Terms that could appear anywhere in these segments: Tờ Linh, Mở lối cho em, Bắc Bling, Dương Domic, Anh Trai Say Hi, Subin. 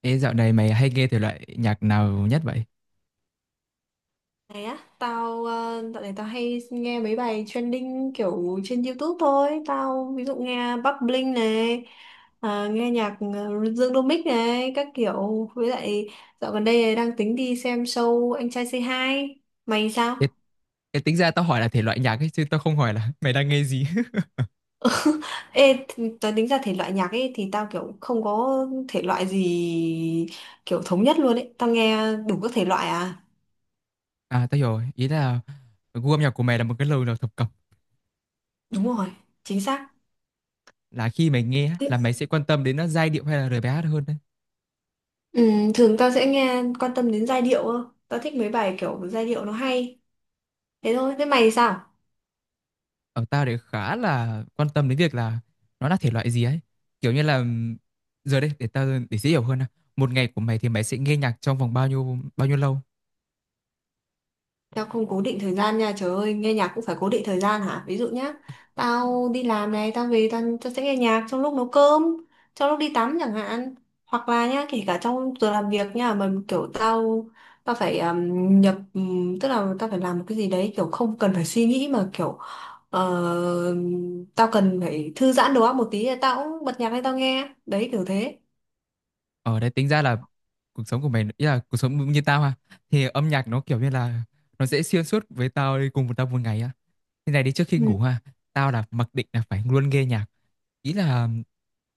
Ê, dạo này mày hay nghe thể loại nhạc nào nhất vậy? Này á, tao dạo này tao hay nghe mấy bài trending kiểu trên YouTube thôi. Tao ví dụ nghe Bắc Bling này, nghe nhạc Dương Domic này các kiểu. Với lại dạo gần đây đang tính đi xem show Anh Trai Say Hi. Mày sao? Ê, ê, tính ra tao hỏi là thể loại nhạc ấy, chứ tao không hỏi là mày đang nghe gì. Tao tính ra thể loại nhạc ấy thì tao kiểu không có thể loại gì, kiểu thống nhất luôn ấy, tao nghe đủ các thể loại à. À, tao hiểu rồi. Ý là gu âm nhạc của mày là một cái lời nào thập cẩm. Đúng rồi, chính xác. Là khi mày nghe á, là mày sẽ quan tâm đến nó giai điệu hay là lời bài hát hơn đấy. Ừ, thường tao sẽ nghe quan tâm đến giai điệu hơn. Tao thích mấy bài kiểu giai điệu nó hay. Thế thôi, thế mày thì sao? Ở tao thì khá là quan tâm đến việc là nó là thể loại gì ấy. Kiểu như là giờ đây để tao để dễ hiểu hơn nào. Một ngày của mày thì mày sẽ nghe nhạc trong vòng bao nhiêu lâu? Tao không cố định thời gian nha, trời ơi, nghe nhạc cũng phải cố định thời gian hả? Ví dụ nhá, tao đi làm này, tao về tao sẽ nghe nhạc trong lúc nấu cơm, trong lúc đi tắm chẳng hạn. Hoặc là nhá, kể cả trong giờ làm việc nha, mà kiểu tao tao phải nhập tức là tao phải làm một cái gì đấy kiểu không cần phải suy nghĩ mà kiểu ờ, tao cần phải thư giãn đầu óc một tí thì tao cũng bật nhạc lên tao nghe. Đấy kiểu thế. Ở đấy tính ra là cuộc sống của mày ý là cuộc sống như tao ha, thì âm nhạc nó kiểu như là nó sẽ xuyên suốt với tao, đi cùng với tao một ngày á. Như này đi, trước khi Ừ. ngủ ha, tao là mặc định là phải luôn nghe nhạc, ý là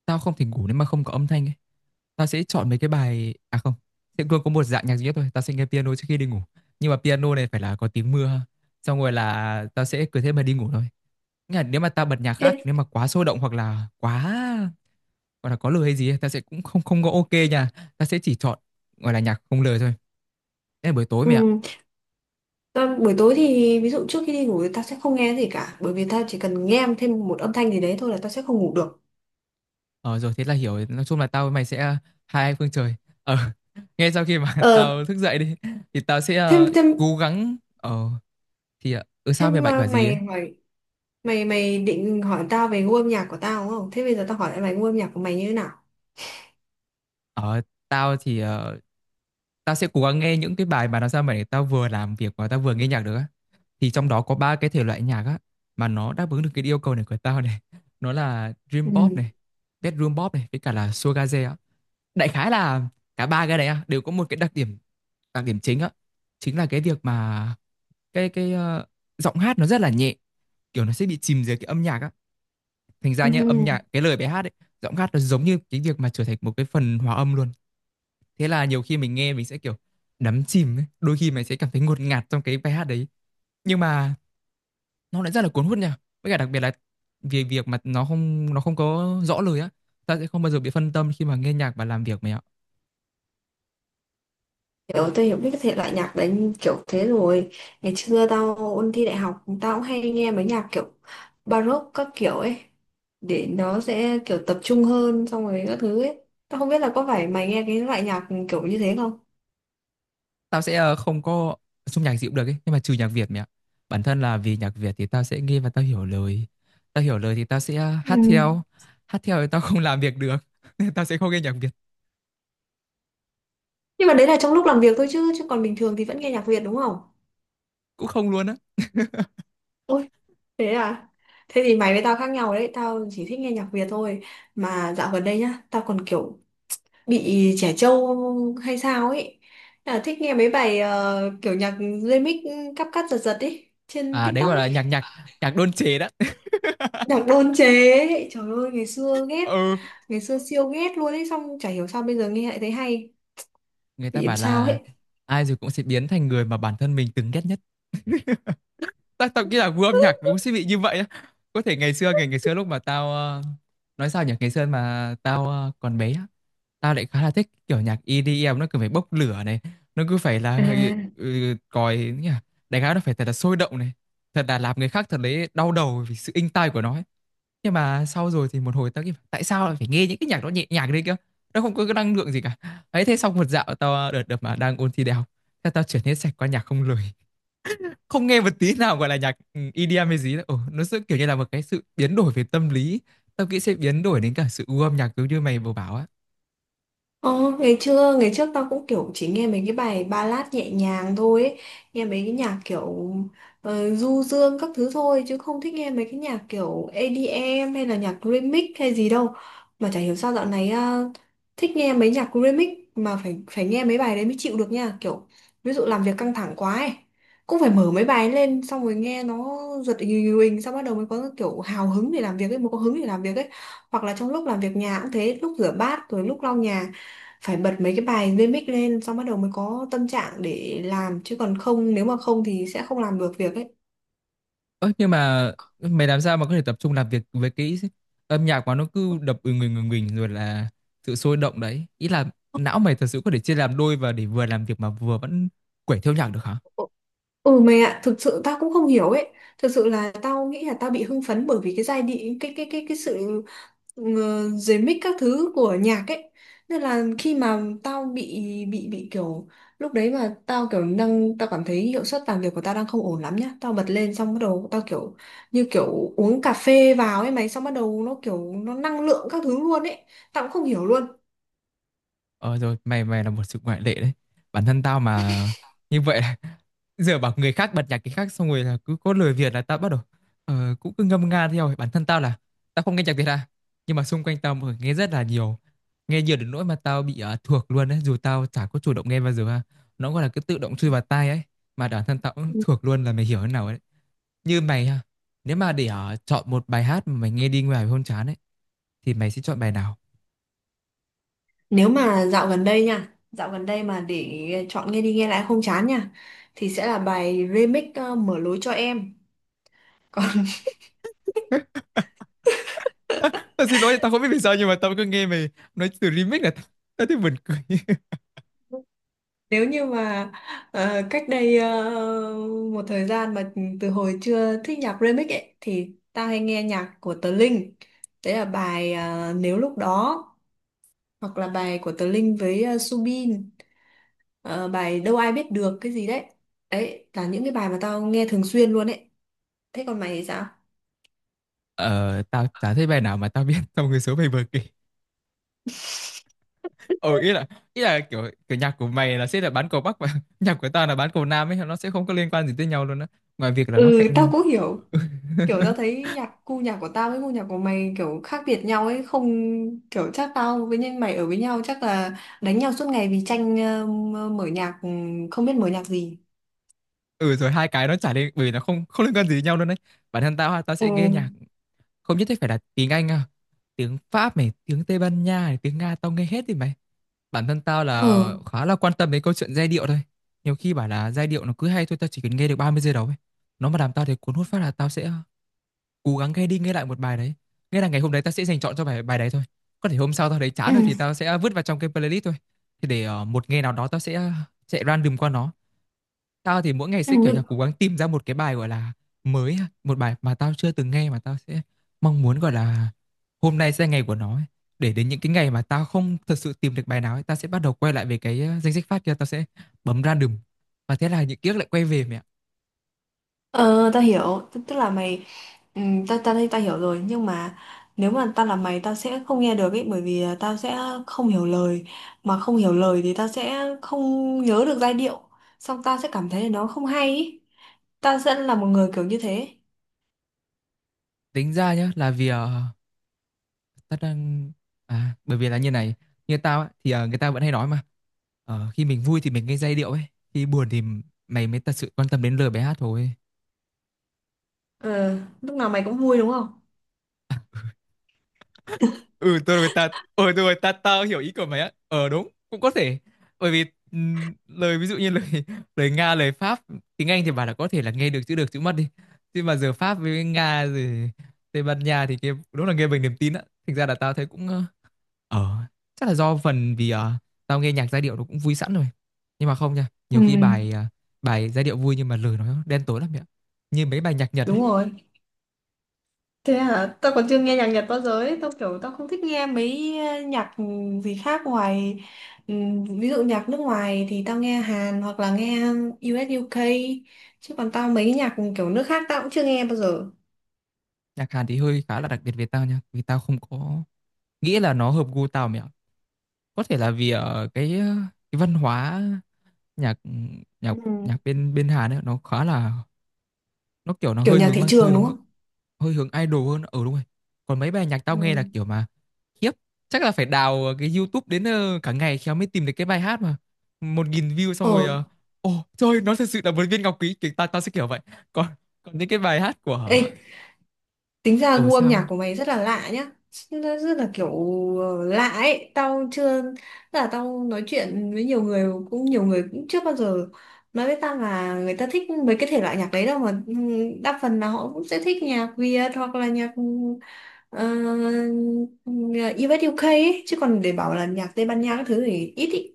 tao không thể ngủ nếu mà không có âm thanh ấy. Tao sẽ chọn mấy cái bài, à không, sẽ luôn có một dạng nhạc duy nhất thôi, tao sẽ nghe piano trước khi đi ngủ, nhưng mà piano này phải là có tiếng mưa ha, xong rồi là tao sẽ cứ thế mà đi ngủ thôi. Nghĩa là nếu mà tao bật nhạc khác Thế, nếu mà quá sôi động hoặc là quá gọi là có lời hay gì ấy, ta sẽ cũng không không có ok nha, ta sẽ chỉ chọn gọi là nhạc không lời thôi, thế là buổi tối mày ạ. ừ, ta, buổi tối thì ví dụ trước khi đi ngủ thì ta sẽ không nghe gì cả, bởi vì ta chỉ cần nghe thêm một âm thanh gì đấy thôi là ta sẽ không ngủ được. Ờ rồi, thế là hiểu rồi. Nói chung là tao với mày sẽ hai anh phương trời. ờ ngay sau khi mà Ờ, tao thức dậy đi thì tao sẽ thêm thêm cố gắng thì sao mày thêm bạch à, bảo gì mày ấy. hỏi, mày mày định hỏi tao về gu âm nhạc của tao đúng không? Thế bây giờ tao hỏi lại mày, gu âm nhạc của mày như thế nào? ờ Tao thì tao sẽ cố gắng nghe những cái bài mà nó sao mà để tao vừa làm việc và tao vừa nghe nhạc được á, thì trong đó có ba cái thể loại nhạc á mà nó đáp ứng được cái yêu cầu này của tao này. Nó là Ừ. dream pop này, bedroom pop này, với cả là sugar jay á. Đại khái là cả ba cái đấy á, đều có một cái đặc điểm, đặc điểm chính á, chính là cái việc mà cái cái ờ, giọng hát nó rất là nhẹ, kiểu nó sẽ bị chìm dưới cái âm nhạc á. Thành ra Ừ. nhá, âm nhạc cái lời bài hát ấy, giọng hát nó giống như cái việc mà trở thành một cái phần hòa âm luôn. Thế là nhiều khi mình nghe mình sẽ kiểu đắm chìm ấy, đôi khi mình sẽ cảm thấy ngột ngạt trong cái bài hát đấy, nhưng mà nó lại rất là cuốn hút nha. Với cả đặc biệt là vì việc mà nó không có rõ lời á, ta sẽ không bao giờ bị phân tâm khi mà nghe nhạc và làm việc mày ạ. Kiểu tôi hiểu biết cái thể loại nhạc đấy kiểu thế rồi. Ngày xưa tao ôn thi đại học, tao cũng hay nghe mấy nhạc kiểu Baroque các kiểu ấy, để nó sẽ kiểu tập trung hơn, xong rồi các thứ ấy. Tao không biết là có phải mày nghe cái loại nhạc kiểu như thế không. Tao sẽ không có chung nhạc gì cũng được ấy, nhưng mà trừ nhạc Việt mẹ ạ. Bản thân là vì nhạc Việt thì tao sẽ nghe và tao hiểu lời, tao hiểu lời thì tao sẽ Ừ. hát theo, hát theo thì tao không làm việc được, nên tao sẽ không nghe nhạc Việt, Nhưng mà đấy là trong lúc làm việc thôi chứ, chứ còn bình thường thì vẫn nghe nhạc Việt đúng không? cũng không luôn á. Ôi, thế à. Thế thì mày với tao khác nhau đấy, tao chỉ thích nghe nhạc Việt thôi. Mà dạo gần đây nhá, tao còn kiểu bị trẻ trâu hay sao ấy, là thích nghe mấy bài kiểu nhạc remix, cắp cắt giật giật ấy trên À đấy TikTok gọi ấy. là nhạc nhạc nhạc đôn chế đó. Nhạc đôn chế ấy, trời ơi ngày xưa ghét, Ừ, ngày xưa siêu ghét luôn ấy, xong chả hiểu sao bây giờ nghe lại thấy hay, người ta bị điểm bảo sao là ấy. ai rồi cũng sẽ biến thành người mà bản thân mình từng ghét nhất. Tao tao nghĩ là gu âm nhạc nó cũng sẽ bị như vậy á. Có thể ngày xưa, ngày ngày xưa lúc mà tao nói sao nhỉ, ngày xưa mà tao còn bé á, tao lại khá là thích kiểu nhạc EDM, nó cứ phải bốc lửa này, nó cứ phải À, là còi nhỉ, đánh áo nó phải thật là sôi động này, thật là làm người khác thật đấy đau đầu vì sự inh tai của nó ấy. Nhưng mà sau rồi thì một hồi tao nghĩ tại sao lại phải nghe những cái nhạc đó nhẹ nhàng đấy kia, nó không có cái năng lượng gì cả. Ấy thế xong một dạo tao đợt đợt mà đang ôn thi đại học, thế tao chuyển hết sạch qua nhạc không lời, không nghe một tí nào gọi là nhạc EDM hay gì đâu. Ồ, nó sẽ kiểu như là một cái sự biến đổi về tâm lý, tao nghĩ sẽ biến đổi đến cả sự gu âm nhạc giống như mày vừa bảo á. Ồ, ngày trước tao cũng kiểu chỉ nghe mấy cái bài ballad nhẹ nhàng thôi ấy. Nghe mấy cái nhạc kiểu du dương các thứ thôi, chứ không thích nghe mấy cái nhạc kiểu EDM hay là nhạc remix hay gì đâu. Mà chả hiểu sao dạo này à, thích nghe mấy nhạc remix, mà phải phải nghe mấy bài đấy mới chịu được nha, kiểu ví dụ làm việc căng thẳng quá ấy, cũng phải mở mấy bài lên xong rồi nghe nó giật ình ình, xong bắt đầu mới có kiểu hào hứng để làm việc ấy, mới có hứng để làm việc ấy. Hoặc là trong lúc làm việc nhà cũng thế, lúc rửa bát rồi lúc lau nhà phải bật mấy cái bài remix lên, xong bắt đầu mới có tâm trạng để làm, chứ còn không, nếu mà không thì sẽ không làm được việc ấy. Ơ, nhưng mà mày làm sao mà có thể tập trung làm việc với cái âm nhạc mà nó cứ đập người người mình, rồi là sự sôi động đấy, ý là não mày thật sự có thể chia làm đôi và để vừa làm việc mà vừa vẫn quẩy theo nhạc được hả? Ừ mày ạ, thực sự tao cũng không hiểu ấy. Thực sự là tao nghĩ là tao bị hưng phấn bởi vì cái giai điệu, cái sự ờ, dưới mic các thứ của nhạc ấy. Nên là khi mà tao bị kiểu, lúc đấy mà tao kiểu đang tao cảm thấy hiệu suất làm việc của tao đang không ổn lắm nhá. Tao bật lên xong bắt đầu tao kiểu như kiểu uống cà phê vào ấy mày, xong bắt đầu nó kiểu nó năng lượng các thứ luôn ấy. Tao cũng không hiểu luôn. Ờ rồi, mày mày là một sự ngoại lệ đấy, bản thân tao mà như vậy. Giờ bảo người khác bật nhạc cái khác xong rồi là cứ có lời Việt là tao bắt đầu cũng cứ ngâm nga theo. Bản thân tao là tao không nghe nhạc Việt à, nhưng mà xung quanh tao mọi người nghe rất là nhiều, nghe nhiều đến nỗi mà tao bị thuộc luôn đấy dù tao chả có chủ động nghe bao giờ ha, nó gọi là cứ tự động chui vào tai ấy, mà bản thân tao cũng thuộc luôn, là mày hiểu thế nào ấy. Như mày ha, nếu mà để chọn một bài hát mà mày nghe đi ngoài hôn chán ấy, thì mày sẽ chọn bài nào? Nếu mà dạo gần đây nha, dạo gần đây mà để chọn nghe đi nghe lại không chán nha, thì sẽ là bài remix Mở lối cho em. Còn Tao xin lỗi, tao không biết vì sao nhưng mà tao cứ nghe mày nói từ remix là tao thấy buồn cười. nếu như mà cách đây một thời gian mà từ hồi chưa thích nhạc remix ấy, thì ta hay nghe nhạc của Tờ Linh. Đấy là bài Nếu lúc đó, hoặc là bài của Tờ Linh với Subin, bài Đâu ai biết được cái gì đấy. Đấy là những cái bài mà tao nghe thường xuyên luôn ấy. Thế còn mày thì sao? Ờ, tao chả thấy bài nào mà tao biết trong cái số mày vừa kể. Ừ, ý là, ý là kiểu kiểu nhạc của mày là sẽ là bán cầu Bắc và nhạc của tao là bán cầu Nam ấy, nó sẽ không có liên quan gì tới nhau luôn á. Ngoài việc là nó Ừ, cạnh tao nhau. cũng hiểu, kiểu tao thấy nhạc của tao với gu nhạc của mày kiểu khác biệt nhau ấy không, kiểu chắc tao với nhân mày ở với nhau chắc là đánh nhau suốt ngày vì tranh mở nhạc, ừ, không biết mở nhạc gì. Ừ rồi hai cái nó chả liên, bởi vì nó không không liên quan gì đến nhau luôn đấy. Bản thân tao ha, tao Ừ. sẽ nghe nhạc không nhất thiết phải là tiếng Anh à. Tiếng Pháp này, tiếng Tây Ban Nha này, tiếng Nga tao nghe hết thì mày. Bản thân tao Ừ. là khá là quan tâm đến câu chuyện giai điệu thôi, nhiều khi bảo là giai điệu nó cứ hay thôi, tao chỉ cần nghe được 30 giây đầu ấy, nó mà làm tao thấy cuốn hút phát là tao sẽ cố gắng nghe đi nghe lại một bài đấy, nghĩa là ngày hôm đấy tao sẽ dành chọn cho bài bài đấy thôi. Có thể hôm sau tao thấy Ừ. chán rồi thì tao sẽ vứt vào trong cái playlist thôi, thì để một ngày nào đó tao sẽ random qua nó. Tao thì mỗi ngày sẽ kiểu như là Ừ. cố gắng tìm ra một cái bài, gọi là mới ha, một bài mà tao chưa từng nghe mà tao sẽ mong muốn, gọi là hôm nay sẽ là ngày của nó ấy. Để đến những cái ngày mà tao không thật sự tìm được bài nào ấy, tao sẽ bắt đầu quay lại về cái, a, danh sách phát kia, tao sẽ bấm random. Và thế là những ký ức lại quay về mẹ. ờ Tao hiểu, tức tức là mày, ừ, tao tao thấy tao hiểu rồi nhưng mà nếu mà tao là mày tao sẽ không nghe được ấy, bởi vì là tao sẽ không hiểu lời, mà không hiểu lời thì tao sẽ không nhớ được giai điệu, xong tao sẽ cảm thấy là nó không hay ấy. Tao sẽ là một người kiểu như thế. Tính ra nhá, là vì, tao đang, à, bởi vì là như này, như tao á thì, người ta vẫn hay nói mà, khi mình vui thì mình nghe giai điệu ấy, khi buồn thì mày mới thật sự quan tâm đến lời bài hát thôi. Ờ, lúc nào mày cũng vui đúng không? Ừ tôi rồi ta ta hiểu ý của mày á. Ờ đúng, cũng có thể, bởi vì lời, ví dụ như lời lời Nga, lời Pháp, tiếng Anh thì bảo là có thể là nghe được chữ mất đi, nhưng mà giờ Pháp với Nga rồi Tây Ban Nha thì kia đúng là nghe bằng niềm tin á. Thành ra là tao thấy cũng ờ, chắc là do phần vì tao nghe nhạc giai điệu nó cũng vui sẵn rồi, nhưng mà không nha, Ừ. nhiều khi bài bài giai điệu vui nhưng mà lời nó đen tối lắm mẹ ạ. Như mấy bài nhạc Nhật ấy, Đúng rồi. Thế hả? Tao còn chưa nghe nhạc Nhật bao giờ ấy. Tao kiểu tao không thích nghe mấy nhạc gì khác ngoài ví dụ nhạc nước ngoài thì tao nghe Hàn hoặc là nghe US UK, chứ còn tao mấy nhạc kiểu nước khác tao cũng chưa nghe bao giờ. nhạc Hàn thì hơi khá là đặc biệt về tao nha, vì tao không có nghĩ là nó hợp gu tao mẹ ạ. Có thể là vì ở cái cái văn hóa nhạc nhạc Ừ. nhạc bên bên Hàn ấy nó khá là, nó kiểu nó Kiểu hơi nhạc hướng thị mang hơi trường hướng, đúng không? hơi hướng idol hơn ở, đúng rồi. Còn mấy bài nhạc tao nghe là Ừ. kiểu mà khiếp, chắc là phải đào cái YouTube đến cả ngày khéo mới tìm được cái bài hát mà 1.000 view, xong rồi Ờ. ờ, ồ trời, nó thật sự là một viên ngọc quý, kiểu tao tao sẽ kiểu vậy. Còn, còn những cái bài hát Ê, của, tính ra ở gu âm sao, nhạc của mày rất là lạ nhá. Nó rất là kiểu lạ ấy. Tao chưa, tức là tao nói chuyện với nhiều người, cũng nhiều người cũng chưa bao giờ nói với tao là người ta thích mấy cái thể loại nhạc đấy đâu. Mà ừ, đa phần là họ cũng sẽ thích nhạc Việt hoặc là nhạc US UK ấy. Chứ còn để bảo là nhạc Tây Ban Nha các thứ thì ít ý.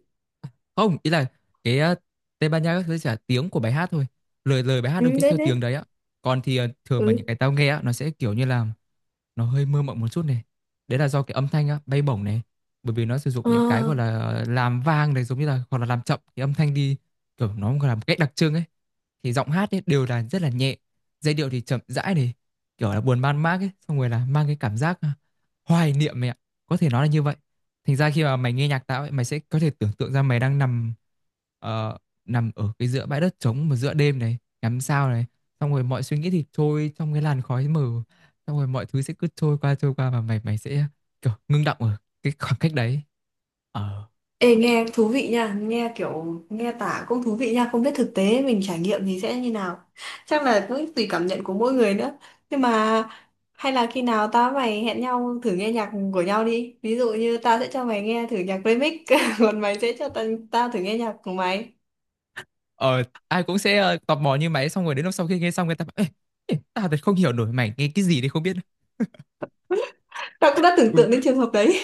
không ý là cái Tây Ban Nha các thứ chỉ là tiếng của bài hát thôi, lời lời bài hát Ừ được viết đấy theo đấy. tiếng đấy á. Còn thì thường mà những Ừ. cái tao nghe á nó sẽ kiểu như là nó hơi mơ mộng một chút này, đấy là do cái âm thanh á, bay bổng này, bởi vì nó sử dụng Ờ. những cái gọi là làm vang này, giống như là hoặc là làm chậm cái âm thanh đi, kiểu nó gọi là một cách đặc trưng ấy, thì giọng hát ấy đều là rất là nhẹ, giai điệu thì chậm rãi này, kiểu là buồn man mác ấy, xong rồi là mang cái cảm giác à, hoài niệm mày ạ, có thể nói là như vậy. Thành ra khi mà mày nghe nhạc tao ấy, mày sẽ có thể tưởng tượng ra mày đang nằm ờ, nằm ở cái giữa bãi đất trống mà giữa đêm này, ngắm sao này, xong rồi mọi suy nghĩ thì trôi trong cái làn khói mờ, xong rồi mọi thứ sẽ cứ trôi qua và mày mày sẽ kiểu ngưng đọng ở cái khoảng cách đấy. Ờ, Ê, nghe thú vị nha, nghe kiểu nghe tả cũng thú vị nha, không biết thực tế mình trải nghiệm thì sẽ như nào. Chắc là cũng tùy cảm nhận của mỗi người nữa. Nhưng mà hay là khi nào tao với mày hẹn nhau thử nghe nhạc của nhau đi. Ví dụ như tao sẽ cho mày nghe thử nhạc remix, còn mày sẽ cho tao thử nghe nhạc của mày. ờ ai cũng sẽ tò mò như mày, xong rồi đến lúc sau khi nghe xong người ta bảo, Ê, ê, tao thật không hiểu nổi mày nghe cái gì đấy không biết. Tao cũng đã tưởng ừ, tượng đến trường hợp đấy.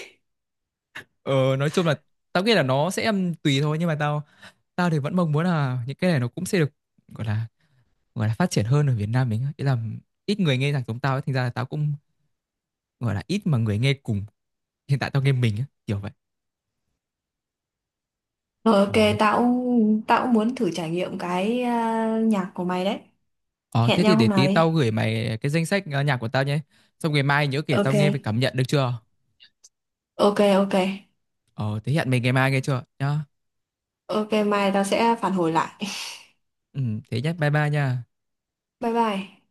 ờ, nói chung là tao nghĩ là nó sẽ tùy thôi, nhưng mà tao, tao thì vẫn mong muốn là những cái này nó cũng sẽ được gọi là, gọi là phát triển hơn ở Việt Nam mình á. Ý là ít người nghe nhạc giống tao ấy, thành ra là tao cũng gọi là ít mà người nghe cùng, hiện tại tao nghe mình á, kiểu vậy. Ờ, ok, ờ, tao cũng muốn thử trải nghiệm cái à, nhạc của mày đấy. ờ, Hẹn Thế thì nhau để hôm nào tí đi. tao gửi mày cái danh sách nhạc của tao nhé, xong ngày mai nhớ kể tao nghe về Ok, cảm nhận được chưa. ok, ok. Ờ thế hẹn mình ngày mai nghe chưa nhá. Ok, mai tao sẽ phản hồi lại. Ừ, thế nhé, bye bye nha. Bye bye.